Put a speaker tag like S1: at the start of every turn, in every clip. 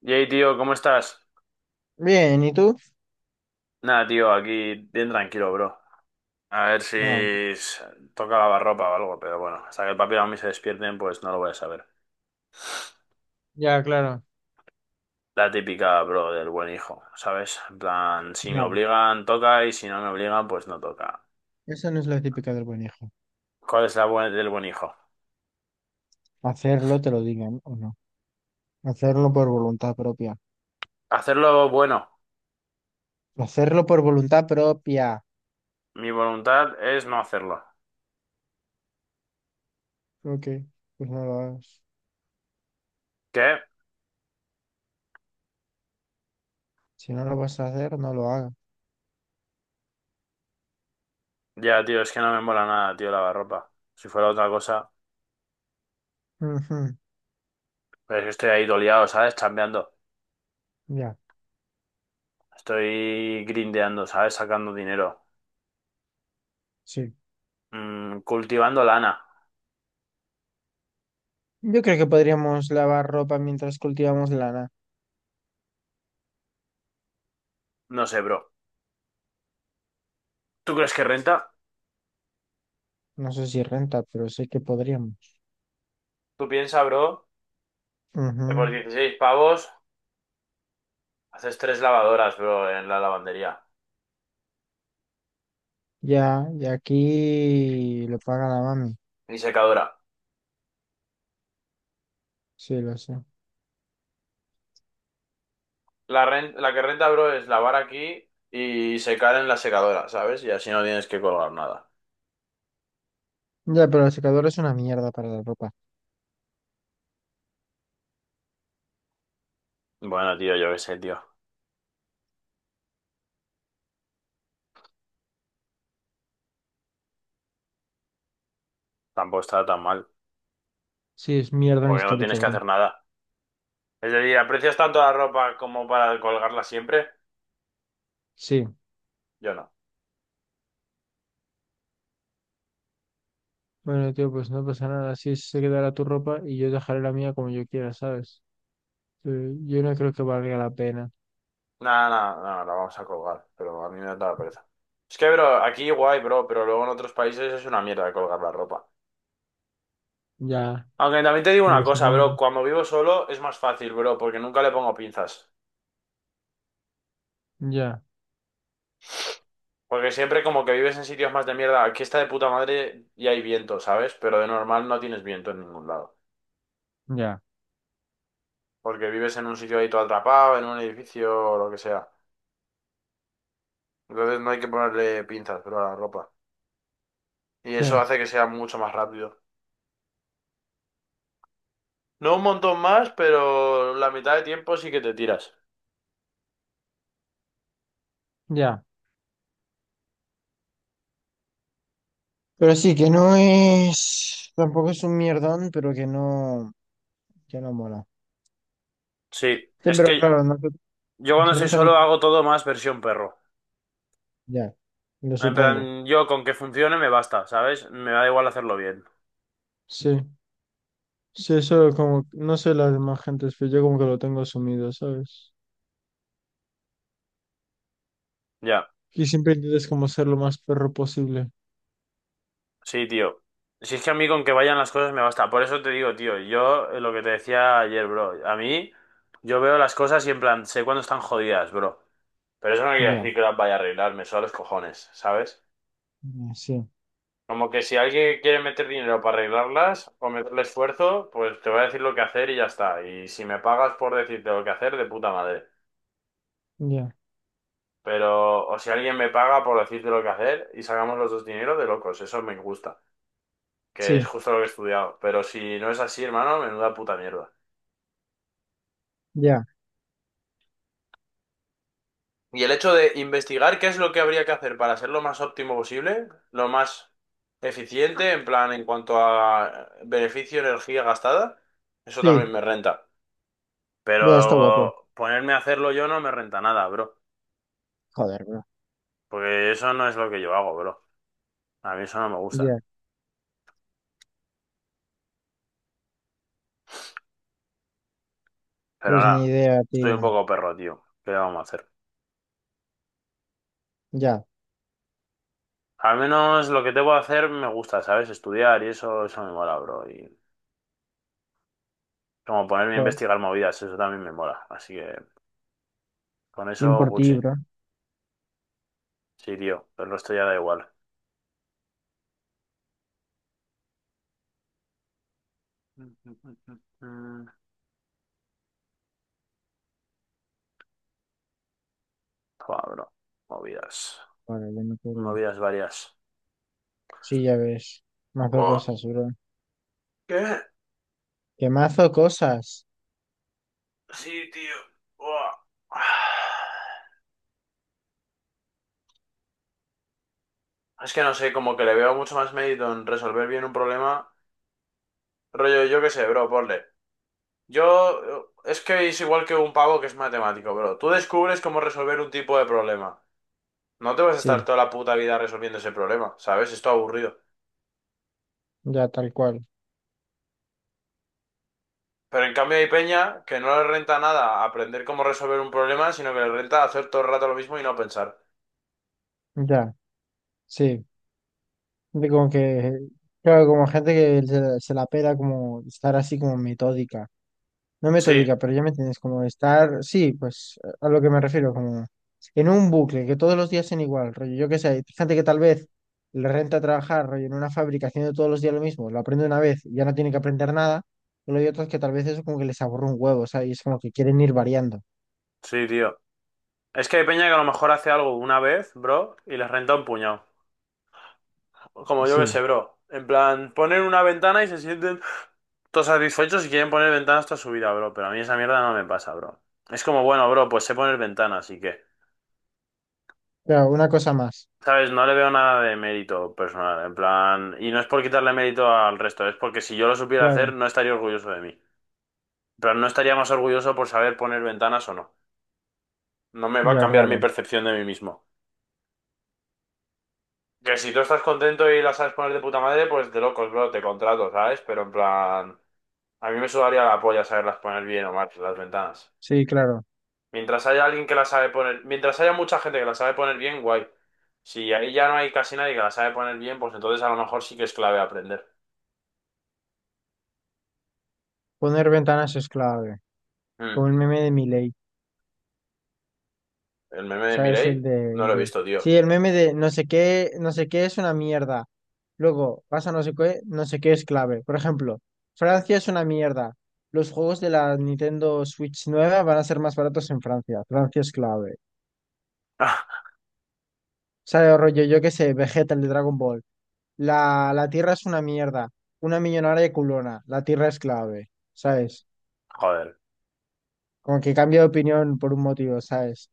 S1: Yay, tío, ¿cómo estás?
S2: Bien, ¿y tú?
S1: Nada, tío, aquí bien tranquilo, bro. A ver si
S2: No.
S1: s- toca lavarropa o algo, pero bueno, hasta que el papi y la mami se despierten, pues no lo voy a saber.
S2: Ya, claro.
S1: La típica, bro, del buen hijo, ¿sabes? En plan, si me
S2: No,
S1: obligan, toca, y si no me obligan, pues no toca.
S2: eso no es la típica del buen hijo.
S1: ¿Cuál es la del buen hijo?
S2: Hacerlo, te lo digan o no. Hacerlo por voluntad propia.
S1: Hacerlo bueno.
S2: Hacerlo por voluntad propia.
S1: Mi voluntad es no hacerlo.
S2: Ok, pues no lo hagas.
S1: ¿Qué?
S2: Si no lo vas a hacer, no lo hagas.
S1: Ya, tío, es que no me mola nada, tío, lavarropa. Si fuera otra cosa,
S2: Ujú.
S1: pero es que estoy ahí doliado, ¿sabes? Chambeando.
S2: Ya,
S1: Estoy grindeando, ¿sabes? Sacando dinero.
S2: sí.
S1: Mm, cultivando lana.
S2: Yo creo que podríamos lavar ropa mientras cultivamos lana.
S1: No sé, bro. ¿Tú crees que renta?
S2: No sé si renta, pero sé que podríamos.
S1: Tú piensa, bro, que por
S2: Ujú.
S1: 16 pavos haces 3 lavadoras, bro, en la lavandería.
S2: Ya, y aquí lo paga la mami.
S1: Y secadora.
S2: Sí, lo sé.
S1: La, la que renta, bro, es lavar aquí y secar en la secadora, ¿sabes? Y así no tienes que colgar nada.
S2: Ya, pero la secadora es una mierda para la ropa.
S1: Bueno, tío, yo qué sé, tío. Tampoco está tan mal.
S2: Sí, es mi orden
S1: Porque no tienes
S2: histórico,
S1: que
S2: bro.
S1: hacer nada. Es decir, ¿aprecias tanto la ropa como para colgarla siempre?
S2: Sí.
S1: Yo no.
S2: Bueno, tío, pues no pasa nada. Así se quedará tu ropa y yo dejaré la mía como yo quiera, ¿sabes? Sí, yo no creo que valga la pena.
S1: Nada, nada, nada, la vamos a colgar, pero a mí me da la pereza. Es que, bro, aquí guay, bro, pero luego en otros países es una mierda colgar la ropa.
S2: Ya,
S1: Aunque también te digo
S2: me
S1: una
S2: lo
S1: cosa,
S2: supongo.
S1: bro, cuando vivo solo es más fácil, bro, porque nunca le pongo pinzas.
S2: Ya,
S1: Porque siempre como que vives en sitios más de mierda, aquí está de puta madre y hay viento, ¿sabes? Pero de normal no tienes viento en ningún lado.
S2: ya,
S1: Porque vives en un sitio ahí todo atrapado, en un edificio o lo que sea. Entonces no hay que ponerle pinzas, bro, a la ropa. Y
S2: sí,
S1: eso hace que sea mucho más rápido. No un montón más, pero la mitad de tiempo sí que te tiras.
S2: ya. Pero sí, que no es, tampoco es un mierdón, pero que no mola.
S1: Sí,
S2: Sí,
S1: es
S2: pero
S1: que
S2: claro, nosotros,
S1: yo cuando soy
S2: nosotros
S1: solo
S2: también,
S1: hago todo más versión perro.
S2: ya, lo
S1: En plan,
S2: supongo.
S1: yo con que funcione me basta, ¿sabes? Me da igual hacerlo bien.
S2: Sí, sí, eso como, no sé las demás gentes, pero yo como que lo tengo asumido, ¿sabes?
S1: Ya,
S2: Y siempre intentas como ser lo más perro posible.
S1: sí, tío. Si es que a mí con que vayan las cosas me basta. Por eso te digo, tío, yo lo que te decía ayer, bro. A mí, yo veo las cosas y en plan, sé cuándo están jodidas, bro. Pero eso no quiere
S2: Ya,
S1: decir que las vaya a arreglar, me suda los cojones, ¿sabes?
S2: ya, sí,
S1: Como que si alguien quiere meter dinero para arreglarlas o meterle esfuerzo, pues te voy a decir lo que hacer y ya está. Y si me pagas por decirte lo que hacer, de puta madre.
S2: ya,
S1: Pero, o si alguien me paga por decirte lo que hacer y sacamos los dos dinero de locos, eso me gusta, que es
S2: sí,
S1: justo lo que he estudiado. Pero si no es así, hermano, menuda puta mierda.
S2: ya,
S1: Y el hecho de investigar qué es lo que habría que hacer para ser lo más óptimo posible, lo más eficiente, en plan, en cuanto a beneficio, energía gastada, eso también
S2: sí,
S1: me renta.
S2: ya está guapo.
S1: Pero ponerme a hacerlo yo no me renta nada, bro.
S2: Joder, bro.
S1: Porque eso no es lo que yo hago, bro. A mí eso no me gusta.
S2: Ya,
S1: Pero
S2: pues ni
S1: nada,
S2: idea,
S1: soy un
S2: tío.
S1: poco perro, tío. ¿Qué le vamos a hacer?
S2: Ya,
S1: Al menos lo que tengo que hacer me gusta, ¿sabes? Estudiar y eso me mola, bro. Y como ponerme a
S2: joder.
S1: investigar movidas, eso también me mola. Así que con
S2: Bien
S1: eso,
S2: por ti,
S1: Gucci.
S2: bro.
S1: Sí, tío. Pero esto ya da igual. Joder, bro. Movidas.
S2: Joder, ya me acuerdo.
S1: Movidas varias.
S2: Sí, ya ves. Mazo
S1: Buah.
S2: cosas, bro.
S1: ¿Qué?
S2: ¿Qué mazo cosas?
S1: Sí, tío. Buah. Es que no sé, como que le veo mucho más mérito en resolver bien un problema. Rollo, yo qué sé, bro, ponle. Yo, es que es igual que un pavo que es matemático, bro. Tú descubres cómo resolver un tipo de problema. No te vas a estar
S2: Sí,
S1: toda la puta vida resolviendo ese problema, ¿sabes? Esto aburrido.
S2: ya, tal cual.
S1: Pero en cambio hay peña que no le renta nada aprender cómo resolver un problema, sino que le renta hacer todo el rato lo mismo y no pensar.
S2: Ya, sí. De como que, claro, como gente que se la pela como estar así como metódica. No
S1: Sí,
S2: metódica, pero ya me entiendes, como estar, sí, pues a lo que me refiero, como en un bucle, que todos los días sean igual, rollo, yo qué sé, hay gente que tal vez le renta trabajar, rollo, en una fábrica haciendo todos los días lo mismo, lo aprende una vez y ya no tiene que aprender nada, pero hay otros que tal vez eso como que les aburre un huevo, o sea, y es como que quieren ir variando,
S1: sí, tío. Es que hay peña que a lo mejor hace algo una vez, bro, y les renta un puñado. Como yo que
S2: sí,
S1: sé, bro. En plan, ponen una ventana y se sienten. Todos satisfechos y quieren poner ventanas toda su vida, bro. Pero a mí esa mierda no me pasa, bro. Es como, bueno, bro, pues sé poner ventanas, así que,
S2: claro, una cosa más,
S1: ¿sabes? No le veo nada de mérito personal, en plan... Y no es por quitarle mérito al resto, es porque si yo lo supiera hacer,
S2: claro,
S1: no estaría orgulloso de mí. Pero no estaría más orgulloso por saber poner ventanas o no. No me va a
S2: ya,
S1: cambiar mi
S2: claro,
S1: percepción de mí mismo. Que si tú estás contento y la sabes poner de puta madre, pues de locos, bro, te contrato, ¿sabes? Pero en plan... A mí me sudaría la polla saberlas poner bien o mal, las ventanas.
S2: sí, claro,
S1: Mientras haya alguien que la sabe poner, mientras haya mucha gente que la sabe poner bien, guay. Si ahí ya no hay casi nadie que la sabe poner bien, pues entonces a lo mejor sí que es clave aprender.
S2: poner ventanas es clave,
S1: Mm,
S2: como el meme de Milei.
S1: el meme de
S2: Sabes
S1: Mireille no
S2: el
S1: lo he
S2: de...
S1: visto, tío.
S2: Sí, el meme de no sé qué, no sé qué es una mierda. Luego pasa no sé qué, no sé qué es clave. Por ejemplo, Francia es una mierda. Los juegos de la Nintendo Switch nueva van a ser más baratos en Francia. Francia es clave. Sabes rollo, yo qué sé, Vegeta, el de Dragon Ball. La, la Tierra es una mierda. Una millonaria culona. La Tierra es clave. ¿Sabes?
S1: Joder,
S2: Como que cambia de opinión por un motivo, ¿sabes?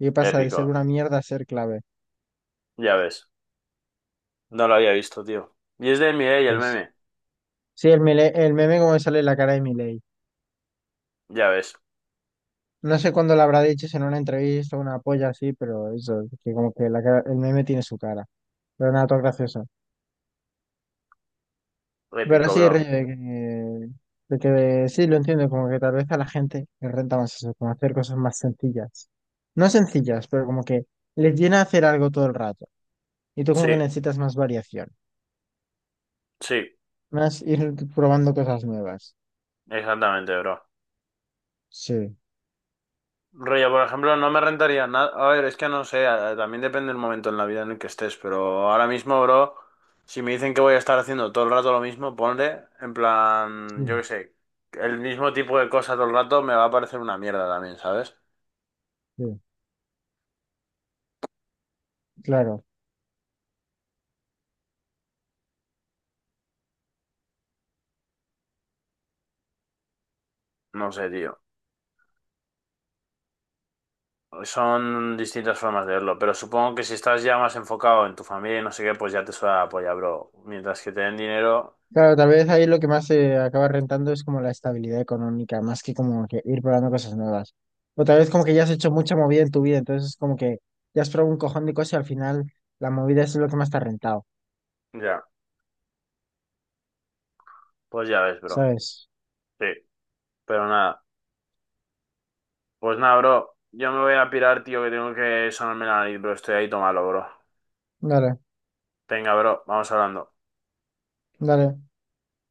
S2: Y pasa de ser
S1: épico.
S2: una mierda a ser clave.
S1: Ya ves. No lo había visto, tío. Y es de Mireille el
S2: Pues,
S1: meme.
S2: sí, el, el meme como me sale la cara de Milei.
S1: Ya ves.
S2: No sé cuándo lo habrá dicho, si en una entrevista o una polla así, pero eso, que como que el meme tiene su cara. Pero nada, todo gracioso. Pero
S1: Épico,
S2: sí,
S1: bro.
S2: Rey, de que sí, lo entiendo, como que tal vez a la gente le renta más eso, como hacer cosas más sencillas. No sencillas, pero como que les llena hacer algo todo el rato. Y tú como que
S1: Sí,
S2: necesitas más variación,
S1: sí,
S2: más ir probando cosas nuevas.
S1: exactamente, bro.
S2: Sí,
S1: Rollo, por ejemplo, no me rentaría nada. A ver, es que no sé, también depende del momento en la vida en el que estés, pero ahora mismo, bro, si me dicen que voy a estar haciendo todo el rato lo mismo, ponle, en plan, yo
S2: sí,
S1: qué sé, el mismo tipo de cosa todo el rato me va a parecer una mierda también, ¿sabes?
S2: sí, claro.
S1: No sé, tío. Son distintas formas de verlo, pero supongo que si estás ya más enfocado en tu familia y no sé qué, pues ya te suena la polla, bro. Mientras que te den dinero,
S2: Claro, tal vez ahí lo que más se acaba rentando es como la estabilidad económica, más que como que ir probando cosas nuevas. O tal vez como que ya has hecho mucha movida en tu vida, entonces como que ya has probado un cojón de cosas y al final la movida es lo que más te ha rentado,
S1: ya, pues ya ves, bro.
S2: ¿sabes?
S1: Sí, pero nada. Pues nada, bro. Yo me voy a pirar, tío, que tengo que sonarme la nariz, bro. Estoy ahí, tómalo, bro.
S2: Dale,
S1: Venga, bro, vamos hablando.
S2: dale.